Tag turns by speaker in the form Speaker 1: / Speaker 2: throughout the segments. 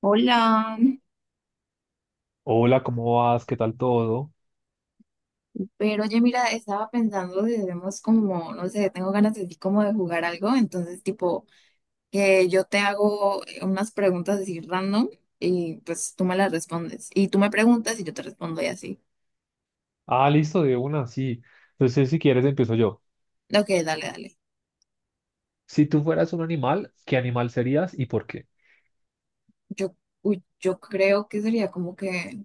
Speaker 1: Hola,
Speaker 2: Hola, ¿cómo vas? ¿Qué tal todo?
Speaker 1: pero oye, mira, estaba pensando si debemos como, no sé, tengo ganas así como de jugar algo, entonces tipo que yo te hago unas preguntas así random y pues tú me las respondes y tú me preguntas y yo te respondo y así.
Speaker 2: Ah, listo, de una, sí. Entonces, si quieres, empiezo yo.
Speaker 1: Ok, dale, dale.
Speaker 2: Si tú fueras un animal, ¿qué animal serías y por qué?
Speaker 1: Yo, uy, yo creo que sería como que,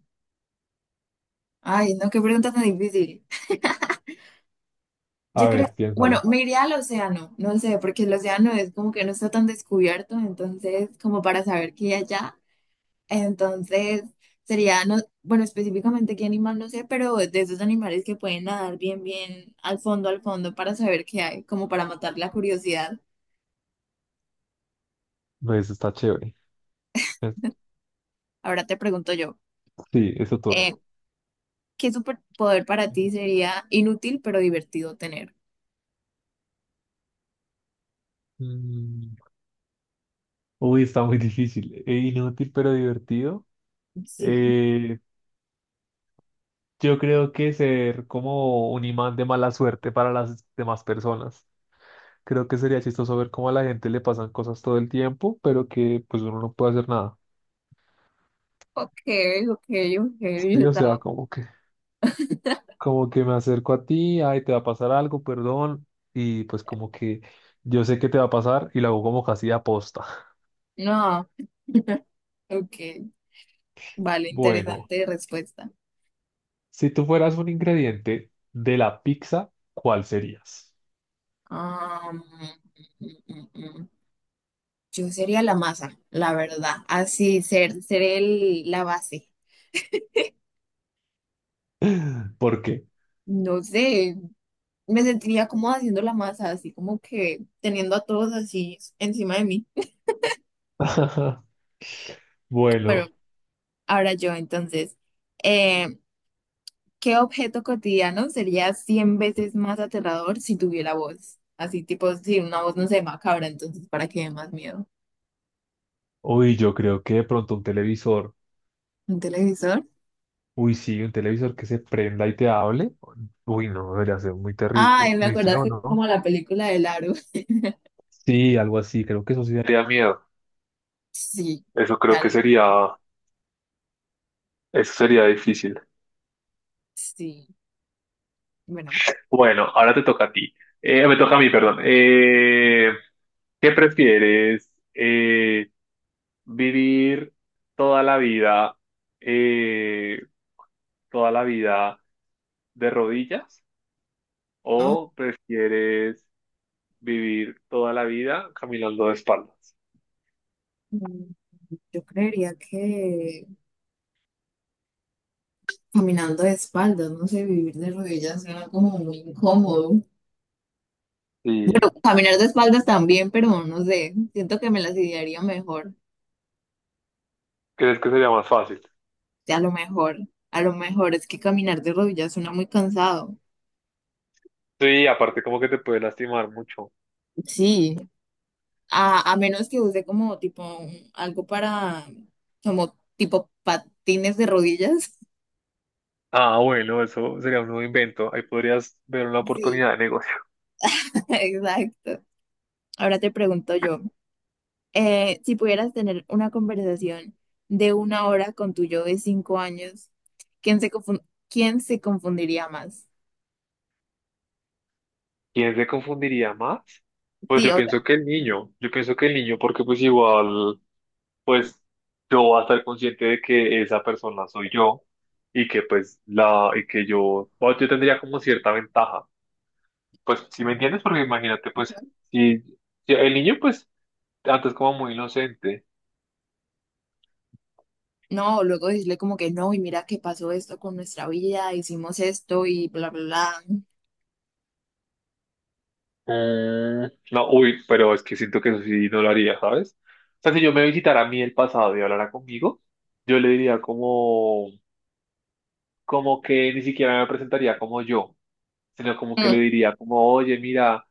Speaker 1: ay, no, qué pregunta tan difícil.
Speaker 2: A
Speaker 1: Yo creo,
Speaker 2: ver,
Speaker 1: bueno,
Speaker 2: piénsalo.
Speaker 1: me iría al océano, no sé, porque el océano es como que no está tan descubierto, entonces como para saber qué hay allá. Entonces, sería, no, bueno, específicamente qué animal no sé, pero de esos animales que pueden nadar bien, bien al fondo para saber qué hay, como para matar la curiosidad.
Speaker 2: No, eso está chévere. Es-
Speaker 1: Ahora te pregunto yo.
Speaker 2: Sí, es tu turno.
Speaker 1: eh, ¿Qué superpoder para ti sería inútil pero divertido tener?
Speaker 2: Mm, Uy, está muy difícil. E inútil, pero divertido.
Speaker 1: Sí.
Speaker 2: Eh, yo creo que ser como un imán de mala suerte para las demás personas. Creo que sería chistoso ver cómo a la gente le pasan cosas todo el tiempo, pero que pues uno no puede hacer nada.
Speaker 1: Ok, ok, ok,
Speaker 2: Sí, o sea,
Speaker 1: estaba-
Speaker 2: como que como que me acerco a ti, ay, te va a pasar algo, perdón, y pues como que yo sé que te va a pasar y lo hago como casi aposta.
Speaker 1: No, ok, vale,
Speaker 2: Bueno,
Speaker 1: interesante respuesta.
Speaker 2: si tú fueras un ingrediente de la pizza, ¿cuál serías?
Speaker 1: Ah, mm, mm, mm, mm. Yo sería la masa, la verdad, así ser, la base.
Speaker 2: ¿Por qué?
Speaker 1: No sé, me sentiría como haciendo la masa, así como que teniendo a todos así encima de mí. Bueno,
Speaker 2: Bueno,
Speaker 1: ahora yo entonces, eh, ¿qué objeto cotidiano sería 100 veces más aterrador si tuviera voz? Así tipo, si una voz no se macabra, entonces ¿para qué dé más miedo?
Speaker 2: uy, yo creo que de pronto un televisor,
Speaker 1: ¿Un televisor?
Speaker 2: uy, sí, un televisor que se prenda y te hable, uy, no, debería ser muy terrible,
Speaker 1: Ay, me
Speaker 2: muy feo,
Speaker 1: acordaste como
Speaker 2: ¿no?
Speaker 1: la película del Aro.
Speaker 2: Sí, algo así, creo que eso sí daría miedo.
Speaker 1: Sí,
Speaker 2: Eso creo que
Speaker 1: tal,
Speaker 2: sería, eso sería difícil.
Speaker 1: sí, bueno,
Speaker 2: Bueno, ahora te toca a ti. Me toca a mí, perdón. ¿Qué prefieres? ¿Vivir toda la vida, eh, toda la vida de rodillas
Speaker 1: no,
Speaker 2: o prefieres vivir toda la vida caminando de espaldas?
Speaker 1: mm, yo creería que... Caminando de espaldas, no sé, vivir de rodillas suena como muy incómodo.
Speaker 2: ¿Y
Speaker 1: Caminar de espaldas también, pero no sé, siento que me las idearía mejor.
Speaker 2: crees que sería más fácil?
Speaker 1: Sí, a lo mejor es que caminar de rodillas suena muy cansado.
Speaker 2: Sí, aparte como que te puede lastimar mucho.
Speaker 1: Sí, a menos que use como tipo un- algo para, como tipo patines de rodillas.
Speaker 2: Ah, bueno, eso sería un nuevo invento. Ahí podrías ver una
Speaker 1: Sí,
Speaker 2: oportunidad de negocio.
Speaker 1: exacto. Ahora te pregunto yo. Si pudieras tener una conversación de una hora con tu yo de cinco años, ¿quién se confun- quién se confundiría más?
Speaker 2: ¿Quién se confundiría más? Pues
Speaker 1: Sí,
Speaker 2: yo
Speaker 1: o sea,
Speaker 2: pienso que el niño, yo pienso que el niño, porque pues igual, pues yo voy a estar consciente de que esa persona soy yo y que pues la, y que yo, bueno, yo tendría como cierta ventaja. Pues si me entiendes, porque imagínate, pues si el niño pues antes como muy inocente.
Speaker 1: no, luego decirle como que no, y mira que pasó esto con nuestra vida, hicimos esto y bla, bla, bla.
Speaker 2: Mm, no, uy, pero es que siento que eso sí no lo haría, ¿sabes? O sea, si yo me visitara a mí el pasado y hablara conmigo, yo le diría como... como que ni siquiera me presentaría como yo, sino como que
Speaker 1: Mm,
Speaker 2: le diría como, oye, mira,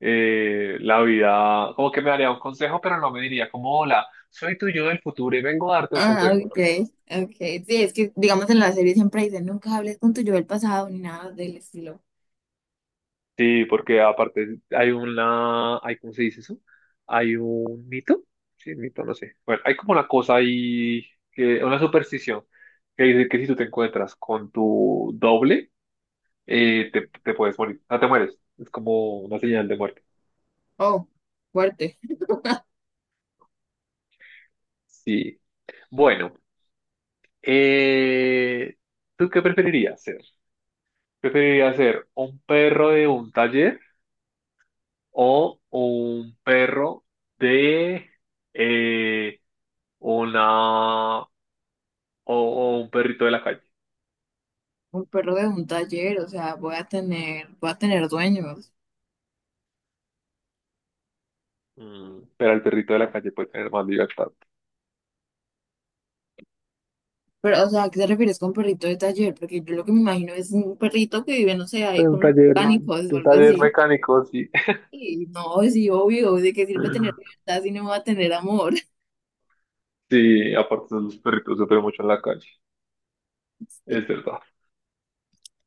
Speaker 2: la vida, como que me daría un consejo, pero no me diría como, hola, soy tu yo del futuro y vengo a darte un
Speaker 1: ah,
Speaker 2: consejo, ¿no?
Speaker 1: ok, ok. Sí, es que digamos en la serie siempre dicen nunca hables con tu yo del pasado ni nada del estilo.
Speaker 2: Sí, porque aparte hay una, hay, ¿cómo se dice eso? Hay un mito, sí, mito, no sé. Bueno, hay como una cosa ahí, que, una superstición, que dice que si tú te encuentras con tu doble, te puedes morir, no te mueres, es como una señal de muerte.
Speaker 1: Oh, fuerte.
Speaker 2: Sí. Bueno, eh, ¿tú qué preferirías ser? ¿Preferirías ser un perro de un taller o un perro de eh, una o un perrito de la calle?
Speaker 1: Un perro de un taller, o sea, voy a tener dueños.
Speaker 2: Mm, pero el perrito de la calle puede tener más libertad.
Speaker 1: Pero, o sea, ¿a qué te refieres con perrito de taller? Porque yo lo que me imagino es un perrito que vive, no sé, ahí con los pánicos o
Speaker 2: De un
Speaker 1: algo
Speaker 2: taller
Speaker 1: así.
Speaker 2: mecánico, sí.
Speaker 1: Y no, sí, obvio, ¿de qué sirve tener libertad si no va a tener amor?
Speaker 2: Sí, aparte los perritos sufren mucho en la calle.
Speaker 1: Sí.
Speaker 2: Es verdad.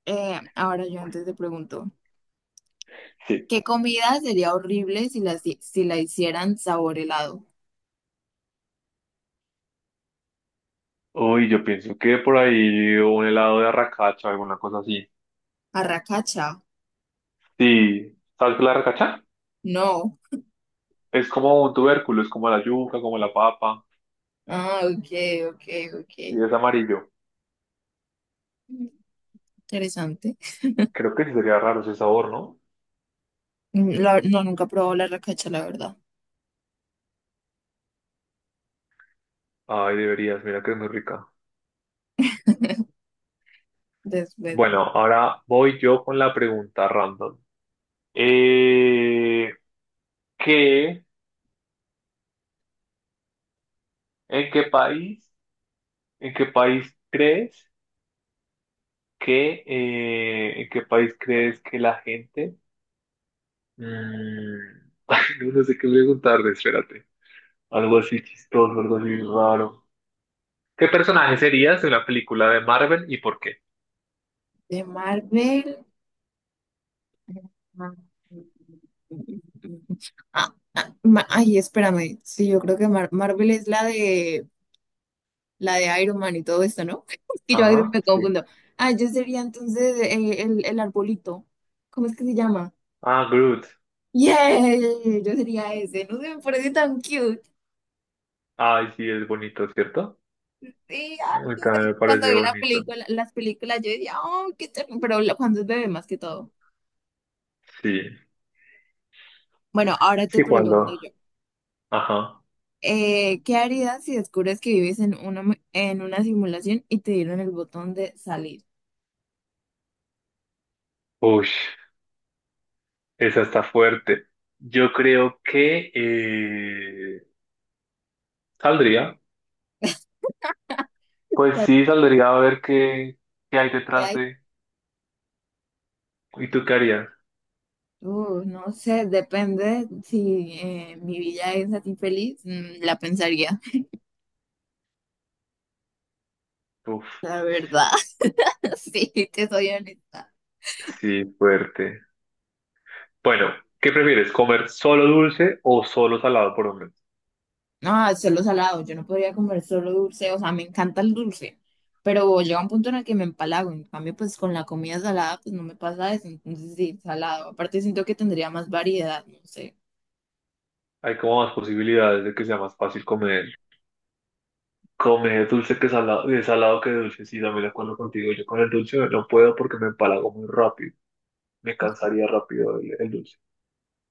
Speaker 1: Ahora yo antes te pregunto,
Speaker 2: Sí.
Speaker 1: ¿qué comida sería horrible si la, si la hicieran sabor helado?
Speaker 2: Uy, yo pienso que por ahí un helado de arracacha o alguna cosa así.
Speaker 1: ¿Arracacha?
Speaker 2: Sí, ¿sabes qué es la arracacha?
Speaker 1: No.
Speaker 2: Es como un tubérculo, es como la yuca, como la papa,
Speaker 1: Ah, ok, ok, ok.
Speaker 2: y es amarillo.
Speaker 1: Interesante.
Speaker 2: Creo que sí sería raro ese sabor, ¿no?
Speaker 1: No, nunca he probado la arracacha, la verdad.
Speaker 2: Ay, deberías, mira que es muy rica.
Speaker 1: Después
Speaker 2: Bueno, ahora voy yo con la pregunta random. Eh, ¿Qué, en qué país, en qué país crees que, en qué país crees que la gente... Mm, no, no sé qué preguntarle, espérate. Algo así chistoso, algo así raro. ¿Qué personaje serías en la película de Marvel y por qué?
Speaker 1: de Marvel. Ah, ah, ma- ay, espérame. Sí, yo creo que Marvel es la de Iron Man y todo esto, ¿no? Es que yo a veces
Speaker 2: Ajá,
Speaker 1: me
Speaker 2: sí.
Speaker 1: confundo. Ah, yo sería entonces el arbolito. ¿Cómo es que se llama?
Speaker 2: Ah, Groot.
Speaker 1: ¡Yay! Yo sería ese. No sé, me parece tan cute.
Speaker 2: Ay, sí, es bonito, ¿cierto?
Speaker 1: Sí,
Speaker 2: A
Speaker 1: ay,
Speaker 2: mí
Speaker 1: no
Speaker 2: también
Speaker 1: sé,
Speaker 2: me
Speaker 1: cuando
Speaker 2: parece
Speaker 1: vi la
Speaker 2: bonito.
Speaker 1: película, las películas, yo decía, oh, qué ternura. Pero la- cuando es bebé más que todo.
Speaker 2: Sí.
Speaker 1: Bueno, ahora te
Speaker 2: Sí,
Speaker 1: pregunto
Speaker 2: cuando.
Speaker 1: yo.
Speaker 2: Ajá.
Speaker 1: ¿Qué harías si descubres que vives en una, mu- en una simulación y te dieron el botón de salir?
Speaker 2: Uy, esa está fuerte. Yo creo que saldría. Pues
Speaker 1: ¿Salir
Speaker 2: sí, saldría a ver qué, qué hay
Speaker 1: de
Speaker 2: detrás
Speaker 1: ahí?
Speaker 2: de. ¿Y tú qué harías?
Speaker 1: No sé, depende si mi vida es así feliz, la pensaría,
Speaker 2: Uf,
Speaker 1: la verdad, sí, te soy honesta.
Speaker 2: sí, fuerte. Bueno, ¿qué prefieres? ¿Comer solo dulce o solo salado por hombre?
Speaker 1: No, solo salado, yo no podría comer solo dulce, o sea, me encanta el dulce, pero llega un punto en el que me empalago, en cambio, pues con la comida salada, pues no me pasa eso, entonces sí, salado. Aparte siento que tendría más variedad, no sé.
Speaker 2: Hay como más posibilidades de que sea más fácil comer, comer dulce que salado, de salado que dulce. Sí, también de acuerdo contigo. Yo con el dulce no puedo porque me empalago muy rápido. Me cansaría rápido el dulce.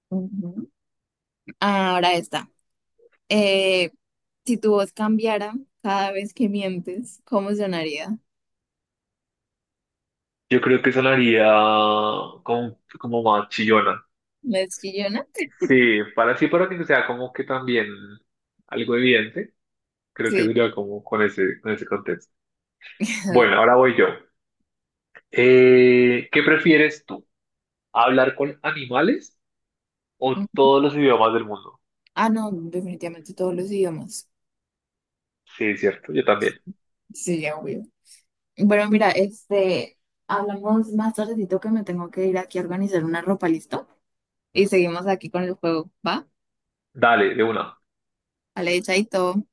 Speaker 1: Ujú. Ahora está. Eh, si tu voz cambiara cada vez que mientes, ¿cómo sonaría?
Speaker 2: Yo creo que sonaría como, como más chillona.
Speaker 1: ¿Más chillona?
Speaker 2: Sí, para sí, para que sea como que también algo evidente. Creo que
Speaker 1: Sí.
Speaker 2: sería como con ese contexto. Bueno, ahora voy yo. ¿Qué prefieres tú? ¿Hablar con animales o todos los idiomas del mundo?
Speaker 1: Ah, no, definitivamente todos los idiomas.
Speaker 2: Sí, es cierto, yo también.
Speaker 1: Sí, ya obvio. Bueno, mira, este, hablamos más tardecito que me tengo que ir aquí a organizar una ropa, ¿listo? Y seguimos aquí con el juego, ¿va?
Speaker 2: Dale, de una.
Speaker 1: Vale, chaito.